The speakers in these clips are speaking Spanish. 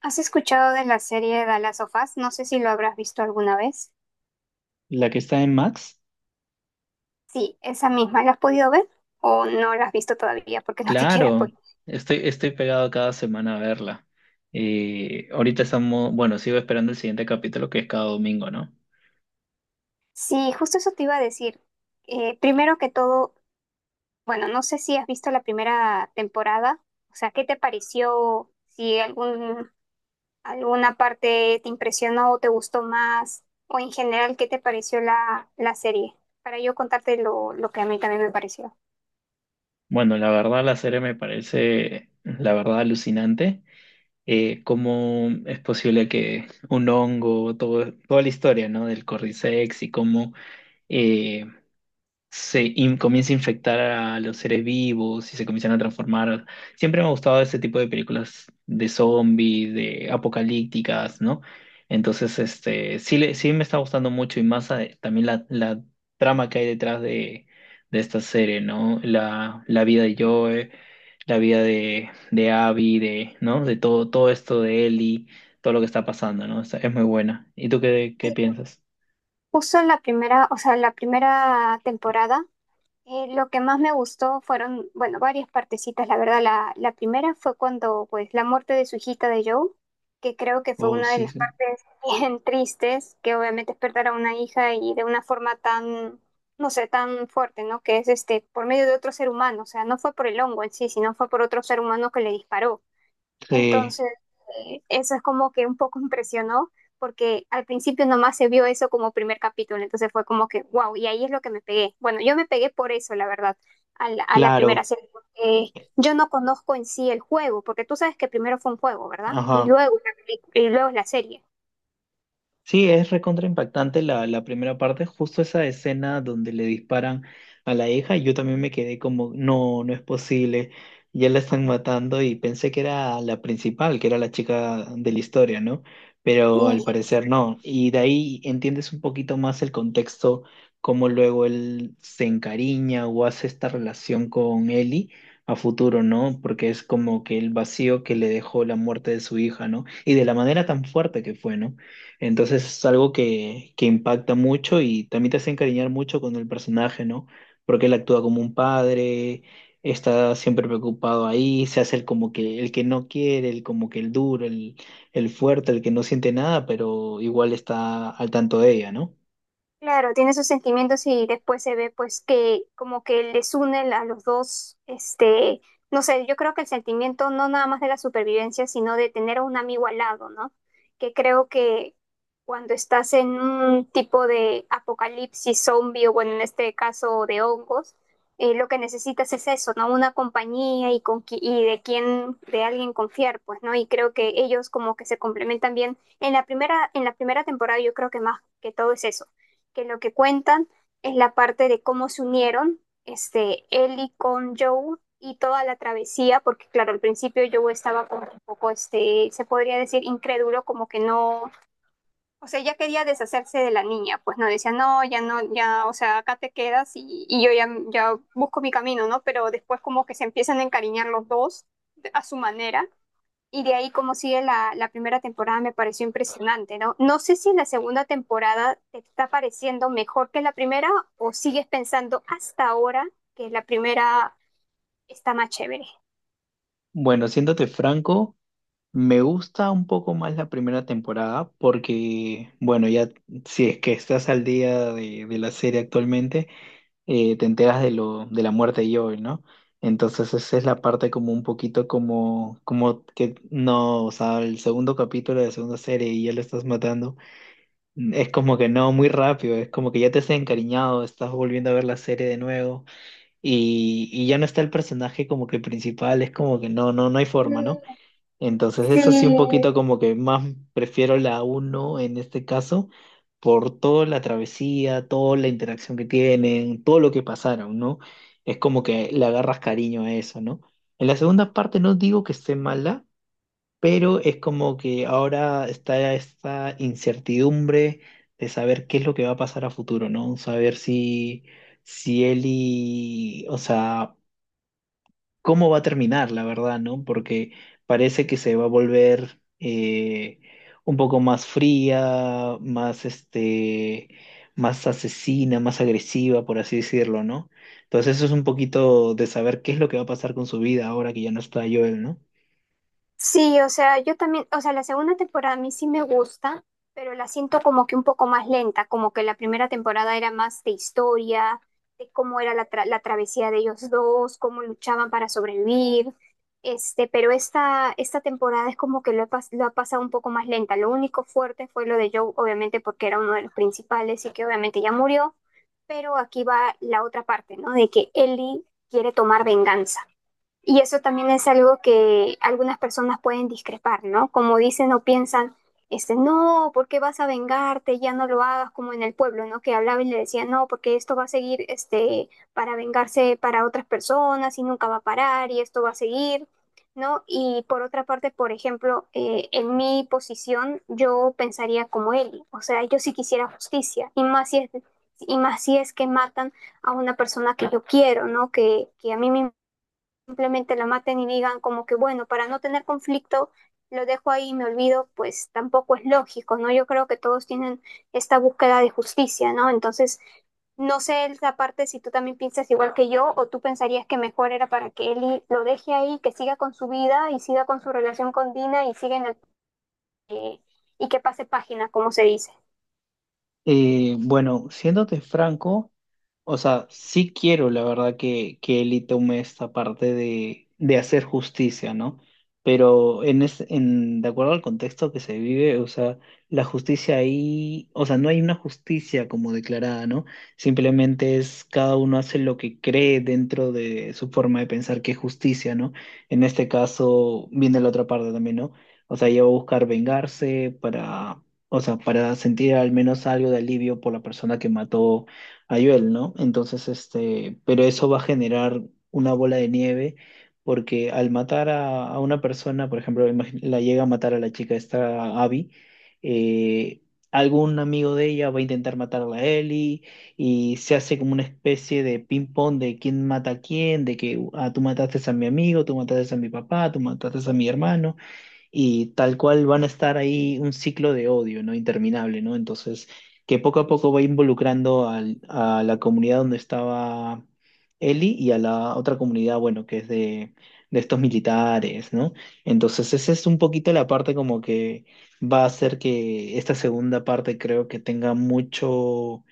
¿Has escuchado de la serie The Last of Us? No sé si lo habrás visto alguna vez. La que está en Max, Sí, esa misma. ¿La has podido ver o no la has visto todavía porque no te quiero claro, spoiler? estoy pegado cada semana a verla. Y ahorita estamos, bueno, sigo esperando el siguiente capítulo que es cada domingo, ¿no? Sí, justo eso te iba a decir. Primero que todo, bueno, no sé si has visto la primera temporada. O sea, ¿qué te pareció? Si algún, ¿Alguna parte te impresionó o te gustó más? O en general, ¿qué te pareció la serie? Para yo contarte lo que a mí también me pareció. Bueno, la verdad la serie me parece, la verdad, alucinante. ¿Cómo es posible que un hongo, todo, toda la historia, ¿no? Del Cordyceps y cómo eh, comienza a infectar a los seres vivos y se comienzan a transformar. Siempre me ha gustado ese tipo de películas de zombies, de apocalípticas, ¿no? Entonces, este, sí, sí me está gustando mucho y más también la trama que hay detrás de esta serie, ¿no? La vida de Joe, la vida de Abby, de, ¿no? De todo, todo esto de Ellie, todo lo que está pasando, ¿no? Es muy buena. ¿Y tú qué, qué piensas? Justo la primera, o sea, la primera temporada. Lo que más me gustó fueron, bueno, varias partecitas, la verdad. La primera fue cuando, pues, la muerte de su hijita de Joe, que creo que fue Oh, una de sí, las sí. partes bien tristes, que obviamente es perder a una hija y de una forma tan, no sé, tan fuerte, ¿no? Que es este, por medio de otro ser humano, o sea, no fue por el hongo en sí, sino fue por otro ser humano que le disparó. Sí, Entonces, eso es como que un poco impresionó, porque al principio nomás se vio eso como primer capítulo, entonces fue como que, wow, y ahí es lo que me pegué. Bueno, yo me pegué por eso, la verdad, a la primera claro. serie, porque yo no conozco en sí el juego, porque tú sabes que primero fue un juego, ¿verdad? Y Ajá. luego, y luego es la serie. Sí, es recontra impactante la, la primera parte, justo esa escena donde le disparan a la hija. Yo también me quedé como, no, no es posible, ya la están matando, y pensé que era la principal, que era la chica de la historia, ¿no? Pero al Y parecer no, y de ahí entiendes un poquito más el contexto, cómo luego él se encariña o hace esta relación con Ellie a futuro, ¿no? Porque es como que el vacío que le dejó la muerte de su hija, ¿no? Y de la manera tan fuerte que fue, ¿no? Entonces es algo que impacta mucho y también te hace encariñar mucho con el personaje, ¿no? Porque él actúa como un padre, está siempre preocupado ahí, se hace el como que el que no quiere, el como que el duro, el fuerte, el que no siente nada, pero igual está al tanto de ella, ¿no? Claro, tiene sus sentimientos y después se ve pues que como que les une a los dos, este, no sé, yo creo que el sentimiento no nada más de la supervivencia, sino de tener a un amigo al lado, ¿no? Que creo que cuando estás en un tipo de apocalipsis zombie o bueno, en este caso de hongos, lo que necesitas es eso, ¿no? Una compañía y de quien, de alguien confiar, pues, ¿no? Y creo que ellos como que se complementan bien. En la primera temporada yo creo que más que todo es eso que lo que cuentan es la parte de cómo se unieron, este, Ellie con Joe y toda la travesía, porque claro, al principio Joe estaba como un poco, este, se podría decir incrédulo, como que no, o sea, ya quería deshacerse de la niña, pues no decía, no, ya no, ya, o sea, acá te quedas y yo ya, ya busco mi camino, ¿no? Pero después como que se empiezan a encariñar los dos a su manera, y de ahí como sigue la primera temporada me pareció impresionante, ¿no? No sé si la segunda temporada te está pareciendo mejor que la primera, o sigues pensando hasta ahora que la primera está más chévere. Bueno, siéndote franco, me gusta un poco más la primera temporada porque, bueno, ya si es que estás al día de la serie actualmente te enteras de lo, de la muerte de Joel, ¿no? Entonces esa es la parte como un poquito como, como que no, o sea, el segundo capítulo de la segunda serie y ya lo estás matando, es como que no, muy rápido, es como que ya te has encariñado, estás volviendo a ver la serie de nuevo y ya no está el personaje como que principal, es como que no, no, no hay forma, ¿no? Entonces, Sí, eso sí, un poquito como que más prefiero la uno en este caso, por toda la travesía, toda la interacción que tienen, todo lo que pasaron, ¿no? Es como que le agarras cariño a eso, ¿no? En la segunda parte no digo que esté mala, pero es como que ahora está esta incertidumbre de saber qué es lo que va a pasar a futuro, ¿no? Saber si, si Ellie, o sea, cómo va a terminar, la verdad, ¿no? Porque parece que se va a volver un poco más fría, más este, más asesina, más agresiva, por así decirlo, ¿no? Entonces eso es un poquito de saber qué es lo que va a pasar con su vida ahora que ya no está Joel, ¿no? sí, o sea, yo también, o sea, la segunda temporada a mí sí me gusta, pero la siento como que un poco más lenta, como que la primera temporada era más de historia, de cómo era la travesía de ellos dos, cómo luchaban para sobrevivir, este, pero esta temporada es como que lo ha pasado un poco más lenta. Lo único fuerte fue lo de Joe, obviamente porque era uno de los principales y que obviamente ya murió, pero aquí va la otra parte, ¿no? De que Ellie quiere tomar venganza. Y eso también es algo que algunas personas pueden discrepar, ¿no? Como dicen o piensan, este, no, ¿por qué vas a vengarte? Ya no lo hagas, como en el pueblo, ¿no? Que hablaba y le decía, no, porque esto va a seguir, este, para vengarse para otras personas y nunca va a parar y esto va a seguir, ¿no? Y por otra parte, por ejemplo, en mi posición, yo pensaría como él, o sea, yo sí quisiera justicia, y más si es que matan a una persona que yo quiero, ¿no? Que a mí me simplemente la maten y digan como que, bueno, para no tener conflicto, lo dejo ahí y me olvido, pues tampoco es lógico, ¿no? Yo creo que todos tienen esta búsqueda de justicia, ¿no? Entonces, no sé esa parte si tú también piensas igual que yo o tú pensarías que mejor era para que Eli lo deje ahí, que siga con su vida y siga con su relación con Dina y siga en el, eh, y que pase página, como se dice. Bueno, siéndote franco. O sea, sí quiero, la verdad, que Eli tome esta parte de hacer justicia, ¿no? Pero en es, en, de acuerdo al contexto que se vive, o sea, la justicia ahí, o sea, no hay una justicia como declarada, ¿no? Simplemente es cada uno hace lo que cree dentro de su forma de pensar que es justicia, ¿no? En este caso viene la otra parte también, ¿no? O sea, ella va a buscar vengarse para, o sea, para sentir al menos algo de alivio por la persona que mató Ayuel, ¿no? Entonces, este, pero eso va a generar una bola de nieve porque al matar a una persona, por ejemplo, la llega a matar a la chica esta Abby, eh, algún amigo de ella va a intentar matar a la Ellie y se hace como una especie de ping-pong de quién mata a quién, de que ah, tú mataste a mi amigo, tú mataste a mi papá, tú mataste a mi hermano y tal cual van a estar ahí un ciclo de odio, ¿no? Interminable, ¿no? Entonces, que poco a poco va involucrando a la comunidad donde estaba Eli y a la otra comunidad, bueno, que es de estos militares, ¿no? Entonces, esa es un poquito la parte como que va a hacer que esta segunda parte creo que tenga mucho,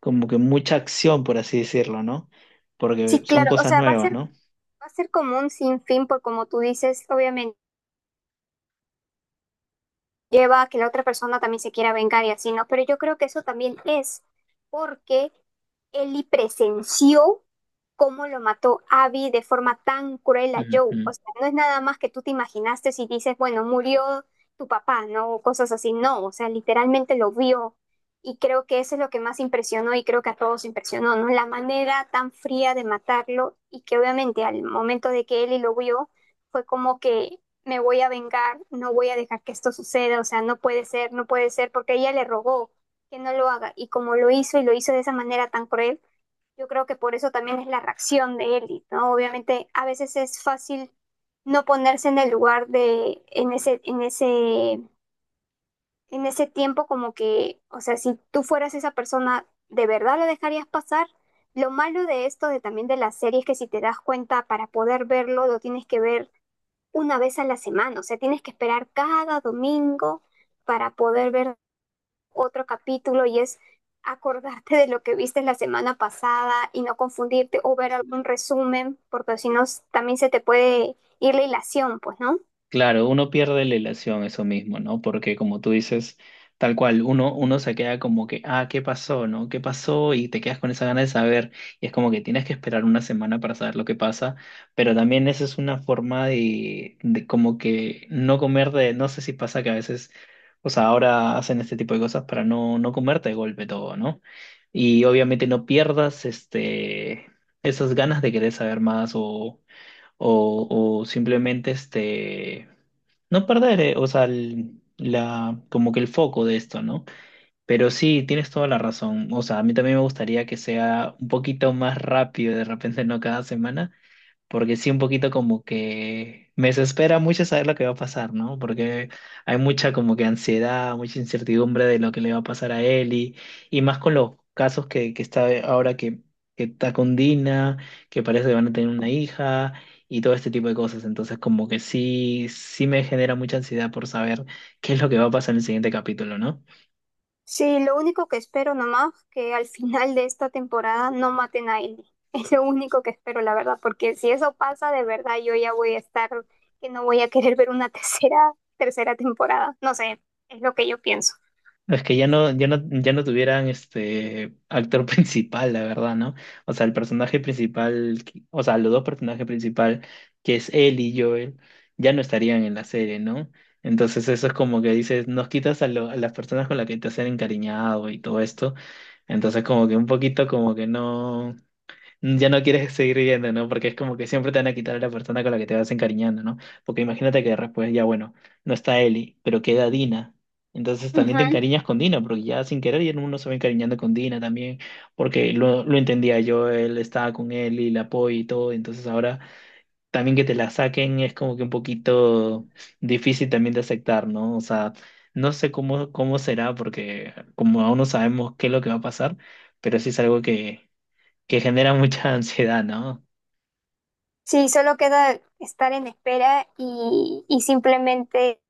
como que mucha acción, por así decirlo, ¿no? Porque Sí, son claro, o cosas sea, nuevas, ¿no? va a ser como un sinfín, por como tú dices, obviamente lleva a que la otra persona también se quiera vengar y así, ¿no? Pero yo creo que eso también es porque Ellie presenció cómo lo mató Abby de forma tan cruel a Joe. O Ujú. sea, no es nada más que tú te imaginaste si dices, bueno, murió tu papá, ¿no? O cosas así. No, o sea, literalmente lo vio. Y creo que eso es lo que más impresionó y creo que a todos impresionó, ¿no? La manera tan fría de matarlo y que obviamente al momento de que Ellie lo vio, fue como que me voy a vengar, no voy a dejar que esto suceda, o sea, no puede ser, no puede ser, porque ella le rogó que no lo haga, y como lo hizo y lo hizo de esa manera tan cruel, yo creo que por eso también es la reacción de Ellie, ¿no? Obviamente a veces es fácil no ponerse en el lugar de, en ese tiempo como que, o sea, si tú fueras esa persona, ¿de verdad lo dejarías pasar? Lo malo de esto, de también de las series, que si te das cuenta para poder verlo, lo tienes que ver una vez a la semana, o sea, tienes que esperar cada domingo para poder ver otro capítulo y es acordarte de lo que viste la semana pasada y no confundirte o ver algún resumen, porque si no s- también se te puede ir la hilación, pues, ¿no? Claro, uno pierde la ilación, eso mismo, ¿no? Porque como tú dices, tal cual, uno, uno se queda como que, ah, ¿qué pasó, no? ¿Qué pasó? Y te quedas con esa gana de saber. Y es como que tienes que esperar una semana para saber lo que pasa. Pero también esa es una forma de como que no comer de, no sé si pasa que a veces, o sea, ahora hacen este tipo de cosas para no, no comerte de golpe todo, ¿no? Y obviamente no pierdas este, esas ganas de querer saber más o, o simplemente este no perder, o sea, la, como que el foco de esto, ¿no? Pero sí, tienes toda la razón. O sea, a mí también me gustaría que sea un poquito más rápido, de repente no cada semana, porque sí un poquito como que me desespera mucho saber lo que va a pasar, ¿no? Porque hay mucha como que ansiedad, mucha incertidumbre de lo que le va a pasar a él y más con los casos que está ahora que está con Dina, que parece que van a tener una hija y todo este tipo de cosas. Entonces como que sí, sí me genera mucha ansiedad por saber qué es lo que va a pasar en el siguiente capítulo, ¿no? Sí, lo único que espero nomás que al final de esta temporada no maten a Ellie. Es lo único que espero, la verdad, porque si eso pasa, de verdad yo ya voy a estar que no voy a querer ver una tercera temporada. No sé, es lo que yo pienso. Es que ya no, ya no, ya no tuvieran este actor principal, la verdad, ¿no? O sea, el personaje principal, o sea, los dos personajes principales, que es él y Joel, ya no estarían en la serie, ¿no? Entonces eso es como que dices, nos quitas a, a las personas con las que te has encariñado y todo esto. Entonces como que un poquito como que no ya no quieres seguir viviendo, ¿no? Porque es como que siempre te van a quitar a la persona con la que te vas encariñando, ¿no? Porque imagínate que después ya, bueno, no está Eli, pero queda Dina. Entonces también te encariñas con Dina, porque ya sin querer ya uno se va encariñando con Dina también, porque lo entendía yo, él estaba con Eli, la apoyo y todo, entonces ahora también que te la saquen es como que un poquito difícil también de aceptar, ¿no? O sea, no sé cómo, cómo será, porque como aún no sabemos qué es lo que va a pasar, pero sí es algo que genera mucha ansiedad, ¿no? Sí, solo queda estar en espera y simplemente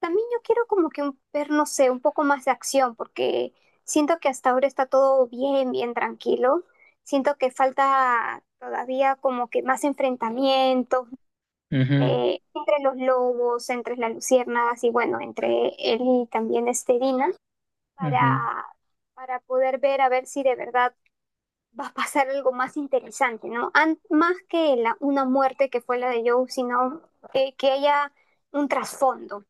también yo quiero como que un, ver, no sé, un poco más de acción, porque siento que hasta ahora está todo bien, bien tranquilo. Siento que falta todavía como que más enfrentamientos, Ujú, entre los lobos, entre las luciérnagas y bueno, entre él y también este Dina, ujú. para, para poder ver a ver si de verdad va a pasar algo más interesante, ¿no? Más que una muerte que fue la de Joe, sino que haya un trasfondo.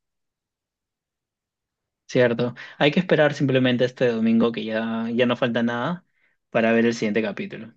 Cierto. Hay que esperar simplemente este domingo que ya, ya no falta nada para ver el siguiente capítulo.